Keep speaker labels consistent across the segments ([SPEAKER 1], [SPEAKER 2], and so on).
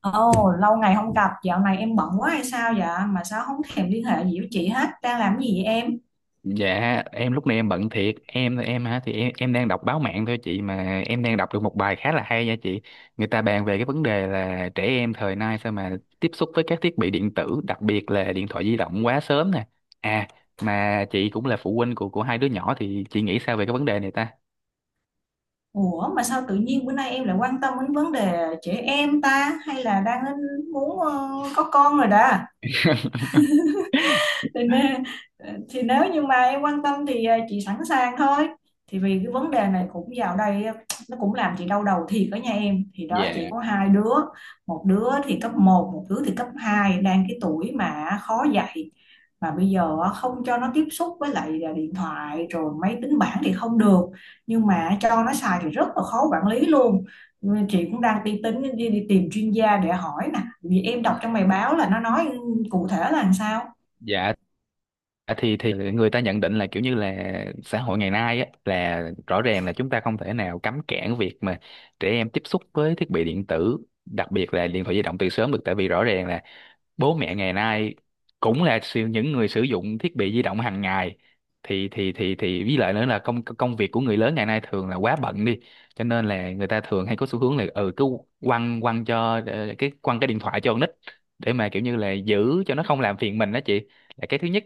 [SPEAKER 1] Ồ, lâu ngày không gặp, dạo này em bận quá hay sao vậy? Mà sao không thèm liên hệ gì với chị hết? Đang làm cái gì vậy em?
[SPEAKER 2] Dạ, em lúc này em bận thiệt, em hả, thì em đang đọc báo mạng thôi chị, mà em đang đọc được một bài khá là hay nha chị. Người ta bàn về cái vấn đề là trẻ em thời nay sao mà tiếp xúc với các thiết bị điện tử, đặc biệt là điện thoại di động, quá sớm nè. à mà chị cũng là phụ huynh của hai đứa nhỏ thì chị nghĩ sao về cái vấn đề này ta?
[SPEAKER 1] Ủa, mà sao tự nhiên bữa nay em lại quan tâm đến vấn đề trẻ em ta? Hay là đang muốn có con rồi đó? Nên thì nếu như mà em quan tâm thì chị sẵn sàng thôi. Thì vì cái vấn đề này cũng vào đây nó cũng làm chị đau đầu thiệt. Ở nhà em thì đó
[SPEAKER 2] Dạ,
[SPEAKER 1] chị có hai đứa, một đứa thì cấp một, một đứa thì cấp hai, đang cái tuổi mà khó dạy. Mà bây giờ không cho nó tiếp xúc với lại điện thoại rồi máy tính bảng thì không được, nhưng mà cho nó xài thì rất là khó quản lý luôn. Ờ, chị cũng đang tính đi tìm chuyên gia để hỏi nè, vì em đọc trong bài báo là nó nói cụ thể là làm sao.
[SPEAKER 2] dạ. Thì người ta nhận định là kiểu như là xã hội ngày nay á, là rõ ràng là chúng ta không thể nào cấm cản việc mà trẻ em tiếp xúc với thiết bị điện tử, đặc biệt là điện thoại di động, từ sớm được. Tại vì rõ ràng là bố mẹ ngày nay cũng là những người sử dụng thiết bị di động hàng ngày. Thì với lại nữa là công công việc của người lớn ngày nay thường là quá bận đi, cho nên là người ta thường hay có xu hướng là ừ cứ quăng quăng cho ờ, cái quăng cái điện thoại cho con nít để mà kiểu như là giữ cho nó không làm phiền mình đó chị. Là cái thứ nhất.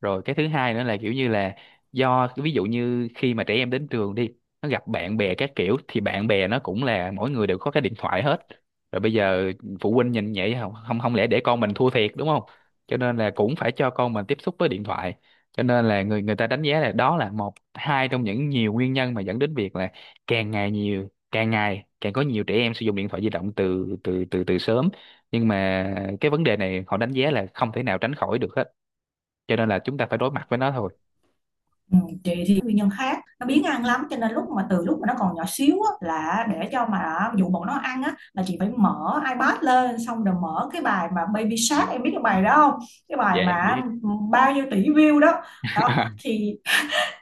[SPEAKER 2] Rồi cái thứ hai nữa là kiểu như là do ví dụ như khi mà trẻ em đến trường đi, nó gặp bạn bè các kiểu, thì bạn bè nó cũng là mỗi người đều có cái điện thoại hết. Rồi bây giờ phụ huynh nhìn vậy, không không không lẽ để con mình thua thiệt đúng không, cho nên là cũng phải cho con mình tiếp xúc với điện thoại. Cho nên là người người ta đánh giá là đó là một hai trong những nhiều nguyên nhân mà dẫn đến việc là càng ngày nhiều càng ngày càng có nhiều trẻ em sử dụng điện thoại di động từ từ từ từ sớm. Nhưng mà cái vấn đề này họ đánh giá là không thể nào tránh khỏi được hết, cho nên là chúng ta phải đối mặt với nó thôi.
[SPEAKER 1] Ừ, chị thì nguyên nhân khác, nó biếng ăn lắm, cho nên lúc mà từ lúc mà nó còn nhỏ xíu á, là để cho mà dụ bọn nó ăn á là chị phải mở iPad lên, xong rồi mở cái bài mà Baby Shark, em biết cái bài đó không? Cái bài
[SPEAKER 2] Dạ em
[SPEAKER 1] mà
[SPEAKER 2] biết.
[SPEAKER 1] ừ, bao nhiêu tỷ view đó đó. thì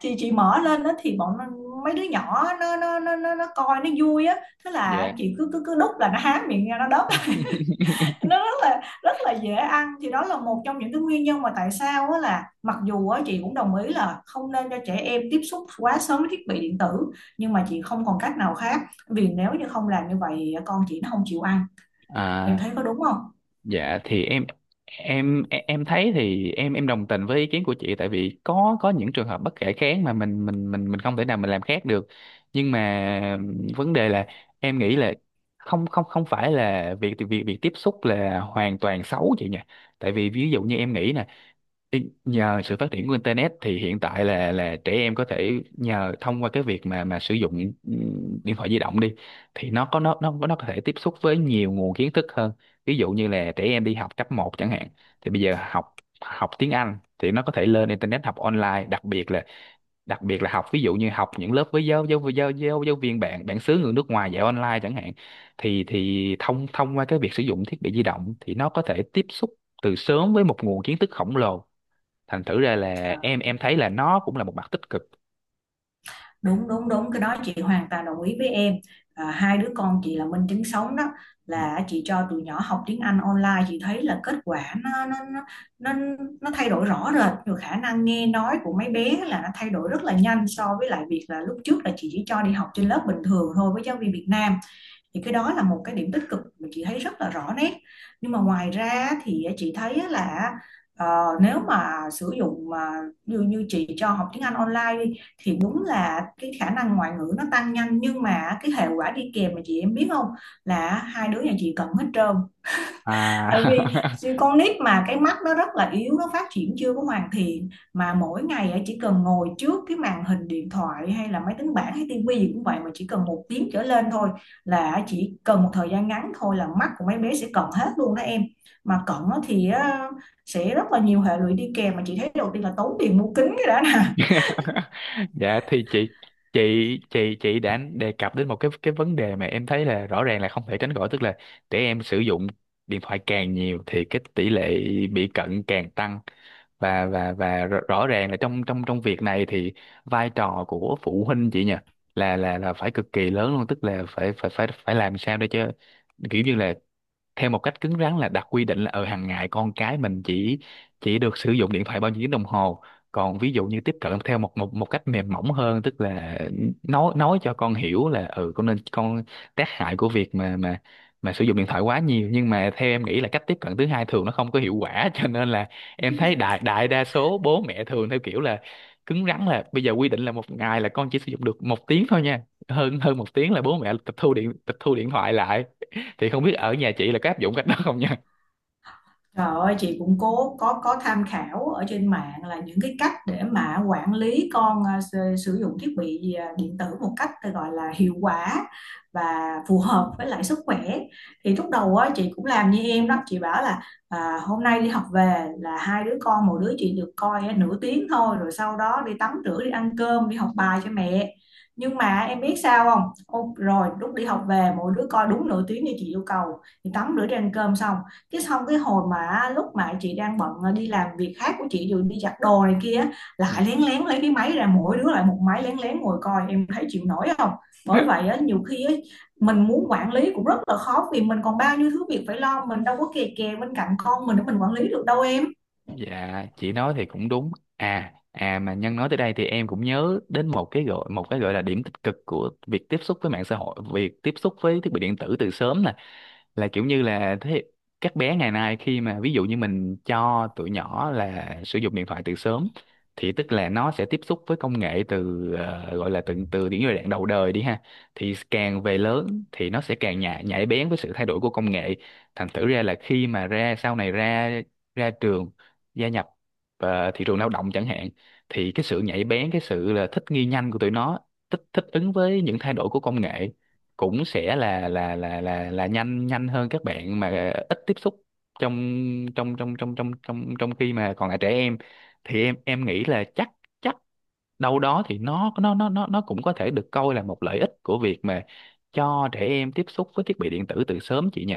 [SPEAKER 1] thì chị mở lên đó thì mấy đứa nhỏ nó coi nó vui á, thế là
[SPEAKER 2] Dạ.
[SPEAKER 1] chị cứ cứ cứ đút là nó há miệng ra nó đớp. Nó rất là dễ ăn. Thì đó là một trong những cái nguyên nhân mà tại sao á, là mặc dù á chị cũng đồng ý là không nên cho trẻ em tiếp xúc quá sớm với thiết bị điện tử, nhưng mà chị không còn cách nào khác, vì nếu như không làm như vậy con chị nó không chịu ăn. Em
[SPEAKER 2] À.
[SPEAKER 1] thấy có đúng không?
[SPEAKER 2] Dạ thì em thấy thì em đồng tình với ý kiến của chị. Tại vì có những trường hợp bất khả kháng mà mình không thể nào mình làm khác được. Nhưng mà vấn đề là em nghĩ là không không không phải là việc việc việc tiếp xúc là hoàn toàn xấu chị nhỉ. Tại vì ví dụ như em nghĩ nè, nhờ sự phát triển của internet thì hiện tại là trẻ em có thể nhờ thông qua cái việc mà sử dụng điện thoại di động đi, thì nó có thể tiếp xúc với nhiều nguồn kiến thức hơn. Ví dụ như là trẻ em đi học cấp một chẳng hạn, thì bây giờ học học tiếng Anh thì nó có thể lên internet học online. Đặc biệt là đặc biệt là học ví dụ như học những lớp với giáo giáo giáo giáo, giáo viên bạn bản xứ người nước ngoài dạy online chẳng hạn, thì thông thông qua cái việc sử dụng thiết bị di động thì nó có thể tiếp xúc từ sớm với một nguồn kiến thức khổng lồ. Thành thử ra là
[SPEAKER 1] À,
[SPEAKER 2] em thấy là nó cũng là một mặt tích cực.
[SPEAKER 1] đúng đúng đúng, cái đó chị hoàn toàn đồng ý với em. À, hai đứa con chị là minh chứng sống đó, là chị cho tụi nhỏ học tiếng Anh online, chị thấy là kết quả nó, nó thay đổi rõ rệt, rồi khả năng nghe nói của mấy bé là nó thay đổi rất là nhanh so với lại việc là lúc trước là chị chỉ cho đi học trên lớp bình thường thôi với giáo viên Việt Nam. Thì cái đó là một cái điểm tích cực mà chị thấy rất là rõ nét. Nhưng mà ngoài ra thì chị thấy là ờ, nếu mà sử dụng mà như như chị cho học tiếng Anh online đi, thì đúng là cái khả năng ngoại ngữ nó tăng nhanh, nhưng mà cái hệ quả đi kèm mà chị, em biết không, là hai đứa nhà chị cận hết trơn. Tại vì
[SPEAKER 2] À.
[SPEAKER 1] con nít mà cái mắt nó rất là yếu, nó phát triển chưa có hoàn thiện, mà mỗi ngày á, chỉ cần ngồi trước cái màn hình điện thoại hay là máy tính bảng hay tivi gì cũng vậy, mà chỉ cần một tiếng trở lên thôi, là chỉ cần một thời gian ngắn thôi là mắt của mấy bé sẽ cận hết luôn đó em. Mà cận thì sẽ rất là nhiều hệ lụy đi kèm, mà chị thấy đầu tiên là tốn tiền mua kính cái đã nè.
[SPEAKER 2] Dạ thì chị chị đã đề cập đến một cái vấn đề mà em thấy là rõ ràng là không thể tránh khỏi. Tức là trẻ em sử dụng điện thoại càng nhiều thì cái tỷ lệ bị cận càng tăng. Và và và rõ rõ ràng là trong trong trong việc này thì vai trò của phụ huynh, chị nhỉ, là phải cực kỳ lớn luôn. Tức là phải phải phải phải làm sao để cho, kiểu như là, theo một cách cứng rắn là đặt quy định là ở hàng ngày con cái mình chỉ được sử dụng điện thoại bao nhiêu tiếng đồng hồ. Còn ví dụ như tiếp cận theo một một một cách mềm mỏng hơn, tức là nói cho con hiểu là ừ con nên con tác hại của việc mà sử dụng điện thoại quá nhiều. Nhưng mà theo em nghĩ là cách tiếp cận thứ hai thường nó không có hiệu quả, cho nên là em thấy đại đại đa số bố mẹ thường theo kiểu là cứng rắn. Là bây giờ quy định là một ngày là con chỉ sử dụng được một tiếng thôi nha, hơn hơn một tiếng là bố mẹ tịch thu điện thoại lại. Thì không biết ở nhà chị là có áp dụng cách đó không nha.
[SPEAKER 1] Trời ơi, chị cũng cố có tham khảo ở trên mạng là những cái cách để mà quản lý con à, sử sử dụng thiết bị à, điện tử một cách tôi gọi là hiệu quả và phù hợp với lại sức khỏe. Thì lúc đầu á chị cũng làm như em đó, chị bảo là à, hôm nay đi học về là hai đứa con, một đứa chị được coi à, nửa tiếng thôi, rồi sau đó đi tắm rửa đi ăn cơm đi học bài cho mẹ. Nhưng mà em biết sao không? Ô, rồi lúc đi học về mỗi đứa coi đúng nửa tiếng như chị yêu cầu, thì tắm rửa đi ăn cơm xong cái, xong cái hồi mà lúc mà chị đang bận ờ, đi làm việc khác của chị rồi đi giặt đồ này kia, lại lén lén lấy cái máy ra, mỗi đứa lại một máy lén lén ngồi coi, em thấy chịu nổi không? Bởi vậy á, nhiều khi á, mình muốn quản lý cũng rất là khó, vì mình còn bao nhiêu thứ việc phải lo, mình đâu có kè kè bên cạnh con mình để mình quản lý được đâu em.
[SPEAKER 2] Dạ chị nói thì cũng đúng. À, à mà Nhân nói tới đây thì em cũng nhớ đến một cái gọi là điểm tích cực của việc tiếp xúc với mạng xã hội, việc tiếp xúc với thiết bị điện tử từ sớm nè. Là kiểu như là thế, các bé ngày nay khi mà ví dụ như mình cho tụi nhỏ là sử dụng điện thoại từ sớm, thì tức là nó sẽ tiếp xúc với công nghệ từ gọi là từ từ những giai đoạn đầu đời đi ha. Thì càng về lớn thì nó sẽ càng nhạy nhạy bén với sự thay đổi của công nghệ. Thành thử ra là khi mà ra sau này ra ra trường, gia nhập thị trường lao động chẳng hạn, thì cái sự nhạy bén, cái sự là thích nghi nhanh của tụi nó, thích thích ứng với những thay đổi của công nghệ, cũng sẽ là nhanh nhanh hơn các bạn mà ít tiếp xúc trong trong trong trong trong trong trong khi mà còn là trẻ em. Thì em nghĩ là chắc chắc đâu đó thì nó cũng có thể được coi là một lợi ích của việc mà cho trẻ em tiếp xúc với thiết bị điện tử từ sớm chị nhỉ.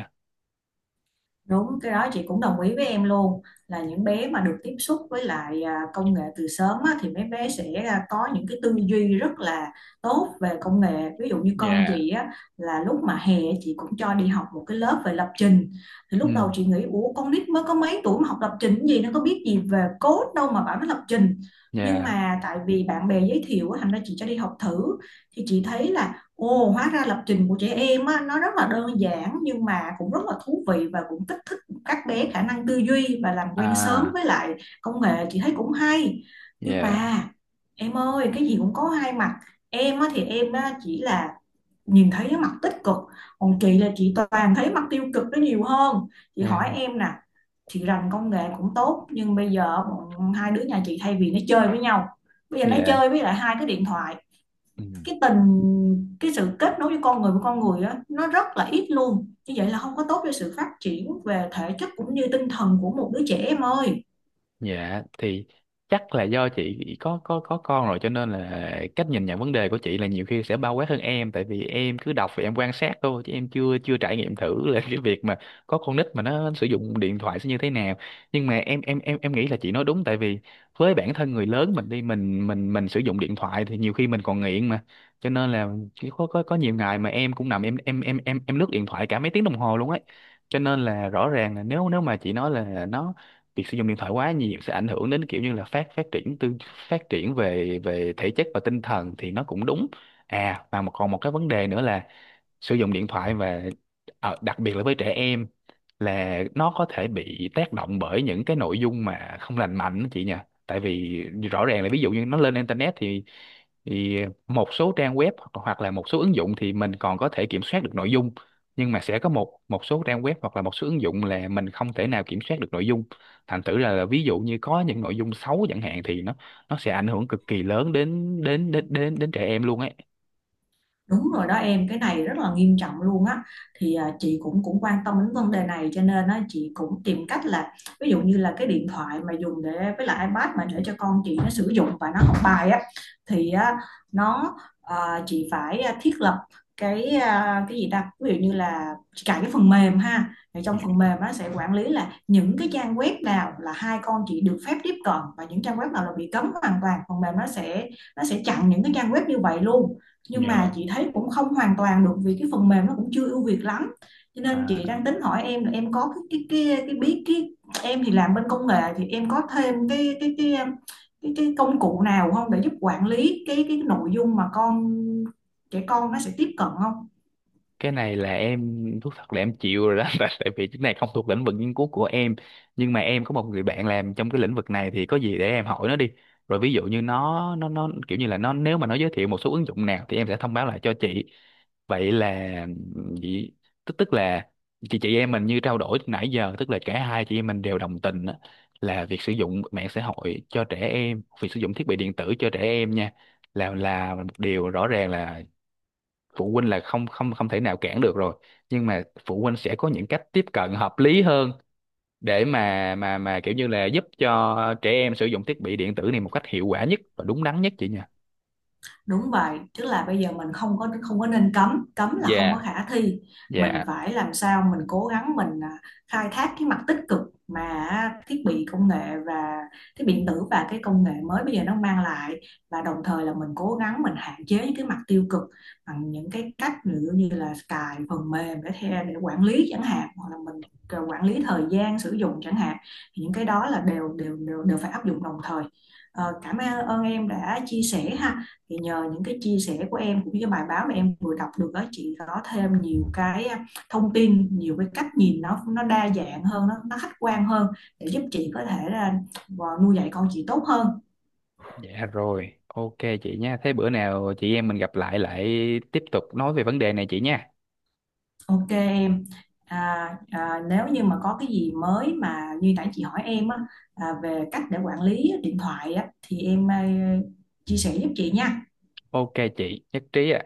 [SPEAKER 1] Đúng, cái đó chị cũng đồng ý với em luôn, là những bé mà được tiếp xúc với lại à, công nghệ từ sớm á, thì mấy bé sẽ à, có những cái tư duy rất là tốt về công nghệ. Ví dụ như con
[SPEAKER 2] Dạ.
[SPEAKER 1] chị á, là lúc mà hè chị cũng cho đi học một cái lớp về lập trình. Thì lúc đầu
[SPEAKER 2] Ừ.
[SPEAKER 1] chị nghĩ ủa, con nít mới có mấy tuổi mà học lập trình cái gì, nó có biết gì về code đâu mà bảo nó lập trình. Nhưng
[SPEAKER 2] Dạ.
[SPEAKER 1] mà tại vì bạn bè giới thiệu á, thành ra chị cho đi học thử, thì chị thấy là Ồ, hóa ra lập trình của trẻ em á, nó rất là đơn giản, nhưng mà cũng rất là thú vị và cũng kích thích các bé khả năng tư duy và làm quen sớm
[SPEAKER 2] À.
[SPEAKER 1] với lại công nghệ, chị thấy cũng hay. Nhưng
[SPEAKER 2] Dạ.
[SPEAKER 1] mà em ơi, cái gì cũng có hai mặt. Em á, thì em á, chỉ là nhìn thấy cái mặt tích cực, còn chị là chị toàn thấy mặt tiêu cực nó nhiều hơn. Chị hỏi
[SPEAKER 2] Dạ.
[SPEAKER 1] em nè, chị rành công nghệ cũng tốt, nhưng bây giờ bọn hai đứa nhà chị thay vì nó chơi với nhau, bây giờ nó
[SPEAKER 2] Dạ.
[SPEAKER 1] chơi với lại hai cái điện thoại.
[SPEAKER 2] Ừ.
[SPEAKER 1] Cái cái sự kết nối với con người á nó rất là ít luôn, như vậy là không có tốt cho sự phát triển về thể chất cũng như tinh thần của một đứa trẻ em ơi.
[SPEAKER 2] Dạ thì chắc là do chị có có con rồi cho nên là cách nhìn nhận vấn đề của chị là nhiều khi sẽ bao quát hơn em. Tại vì em cứ đọc và em quan sát thôi chứ em chưa chưa trải nghiệm thử là cái việc mà có con nít mà nó sử dụng điện thoại sẽ như thế nào. Nhưng mà em nghĩ là chị nói đúng. Tại vì với bản thân người lớn mình đi, mình sử dụng điện thoại thì nhiều khi mình còn nghiện mà. Cho nên là chỉ có có nhiều ngày mà em cũng nằm em lướt điện thoại cả mấy tiếng đồng hồ luôn ấy. Cho nên là rõ ràng là nếu nếu mà chị nói là việc sử dụng điện thoại quá nhiều sẽ ảnh hưởng đến kiểu như là phát phát triển tư phát triển về về thể chất và tinh thần thì nó cũng đúng. À mà còn một cái vấn đề nữa là sử dụng điện thoại và đặc biệt là với trẻ em, là nó có thể bị tác động bởi những cái nội dung mà không lành mạnh đó chị nhỉ. Tại vì rõ ràng là ví dụ như nó lên internet, thì thì một số trang web hoặc hoặc là một số ứng dụng thì mình còn có thể kiểm soát được nội dung. Nhưng mà sẽ có một một số trang web hoặc là một số ứng dụng là mình không thể nào kiểm soát được nội dung. Thành thử là ví dụ như có những nội dung xấu chẳng hạn thì nó sẽ ảnh hưởng cực kỳ lớn đến đến đến đến đến trẻ em luôn ấy.
[SPEAKER 1] Đúng rồi đó em, cái này rất là nghiêm trọng luôn á. Thì à, chị cũng cũng quan tâm đến vấn đề này, cho nên á chị cũng tìm cách là ví dụ như là cái điện thoại mà dùng để với lại iPad mà để cho con chị nó sử dụng và nó học bài á, thì á, nó à, chị phải à, thiết lập cái à, cái gì ta? Ví dụ như là chị cài cái phần mềm ha. Thì trong
[SPEAKER 2] Yeah.
[SPEAKER 1] phần mềm nó sẽ quản lý là những cái trang web nào là hai con chị được phép tiếp cận và những trang web nào là bị cấm hoàn toàn. Phần mềm nó sẽ chặn những cái trang web như vậy luôn, nhưng mà
[SPEAKER 2] Yeah.
[SPEAKER 1] chị thấy cũng không hoàn toàn được vì cái phần mềm nó cũng chưa ưu việt lắm, cho nên chị đang tính hỏi em là em có cái biết cái, em thì làm bên công nghệ thì em có thêm cái công cụ nào không để giúp quản lý cái nội dung mà trẻ con nó sẽ tiếp cận không.
[SPEAKER 2] Cái này là em thú thật là em chịu rồi đó. tại Tại vì cái này không thuộc lĩnh vực nghiên cứu của em. Nhưng mà em có một người bạn làm trong cái lĩnh vực này thì có gì để em hỏi nó đi. Rồi ví dụ như nó kiểu như là nó, nếu mà nó giới thiệu một số ứng dụng nào thì em sẽ thông báo lại cho chị. Vậy là vậy, tức tức là chị em mình như trao đổi từ nãy giờ, tức là cả hai chị em mình đều đồng tình á, là việc sử dụng mạng xã hội cho trẻ em, việc sử dụng thiết bị điện tử cho trẻ em nha, là một điều rõ ràng là phụ huynh là không không không thể nào cản được rồi. Nhưng mà phụ huynh sẽ có những cách tiếp cận hợp lý hơn để mà kiểu như là giúp cho trẻ em sử dụng thiết bị điện tử này một cách hiệu quả nhất và đúng đắn nhất chị nha.
[SPEAKER 1] Đúng vậy, tức là bây giờ mình không có nên cấm, cấm là không có
[SPEAKER 2] Dạ.
[SPEAKER 1] khả thi. Mình
[SPEAKER 2] Dạ.
[SPEAKER 1] phải làm sao mình cố gắng mình à, khai thác cái mặt tích cực mà thiết bị công nghệ và thiết bị điện tử và cái công nghệ mới bây giờ nó mang lại, và đồng thời là mình cố gắng mình hạn chế những cái mặt tiêu cực bằng những cái cách ví dụ như là cài phần mềm để theo để quản lý chẳng hạn, hoặc là mình à, quản lý thời gian sử dụng chẳng hạn. Thì những cái đó là đều đều đều đều phải áp dụng đồng thời. Ờ, cảm ơn em đã chia sẻ ha, thì nhờ những cái chia sẻ của em cũng như cái bài báo mà em vừa đọc được đó, chị có thêm nhiều cái thông tin, nhiều cái cách nhìn, nó đa dạng hơn, nó khách quan hơn, để giúp chị có thể là ờ, nuôi dạy con chị tốt hơn.
[SPEAKER 2] Dạ rồi, ok chị nha. Thế bữa nào chị em mình gặp lại, lại tiếp tục nói về vấn đề này chị nha.
[SPEAKER 1] OK em, à, à, nếu như mà có cái gì mới mà như nãy chị hỏi em á, à, về cách để quản lý điện thoại á thì em ờ, chia sẻ giúp chị nha.
[SPEAKER 2] Ok chị nhất trí ạ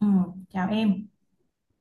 [SPEAKER 1] Ừ, chào em.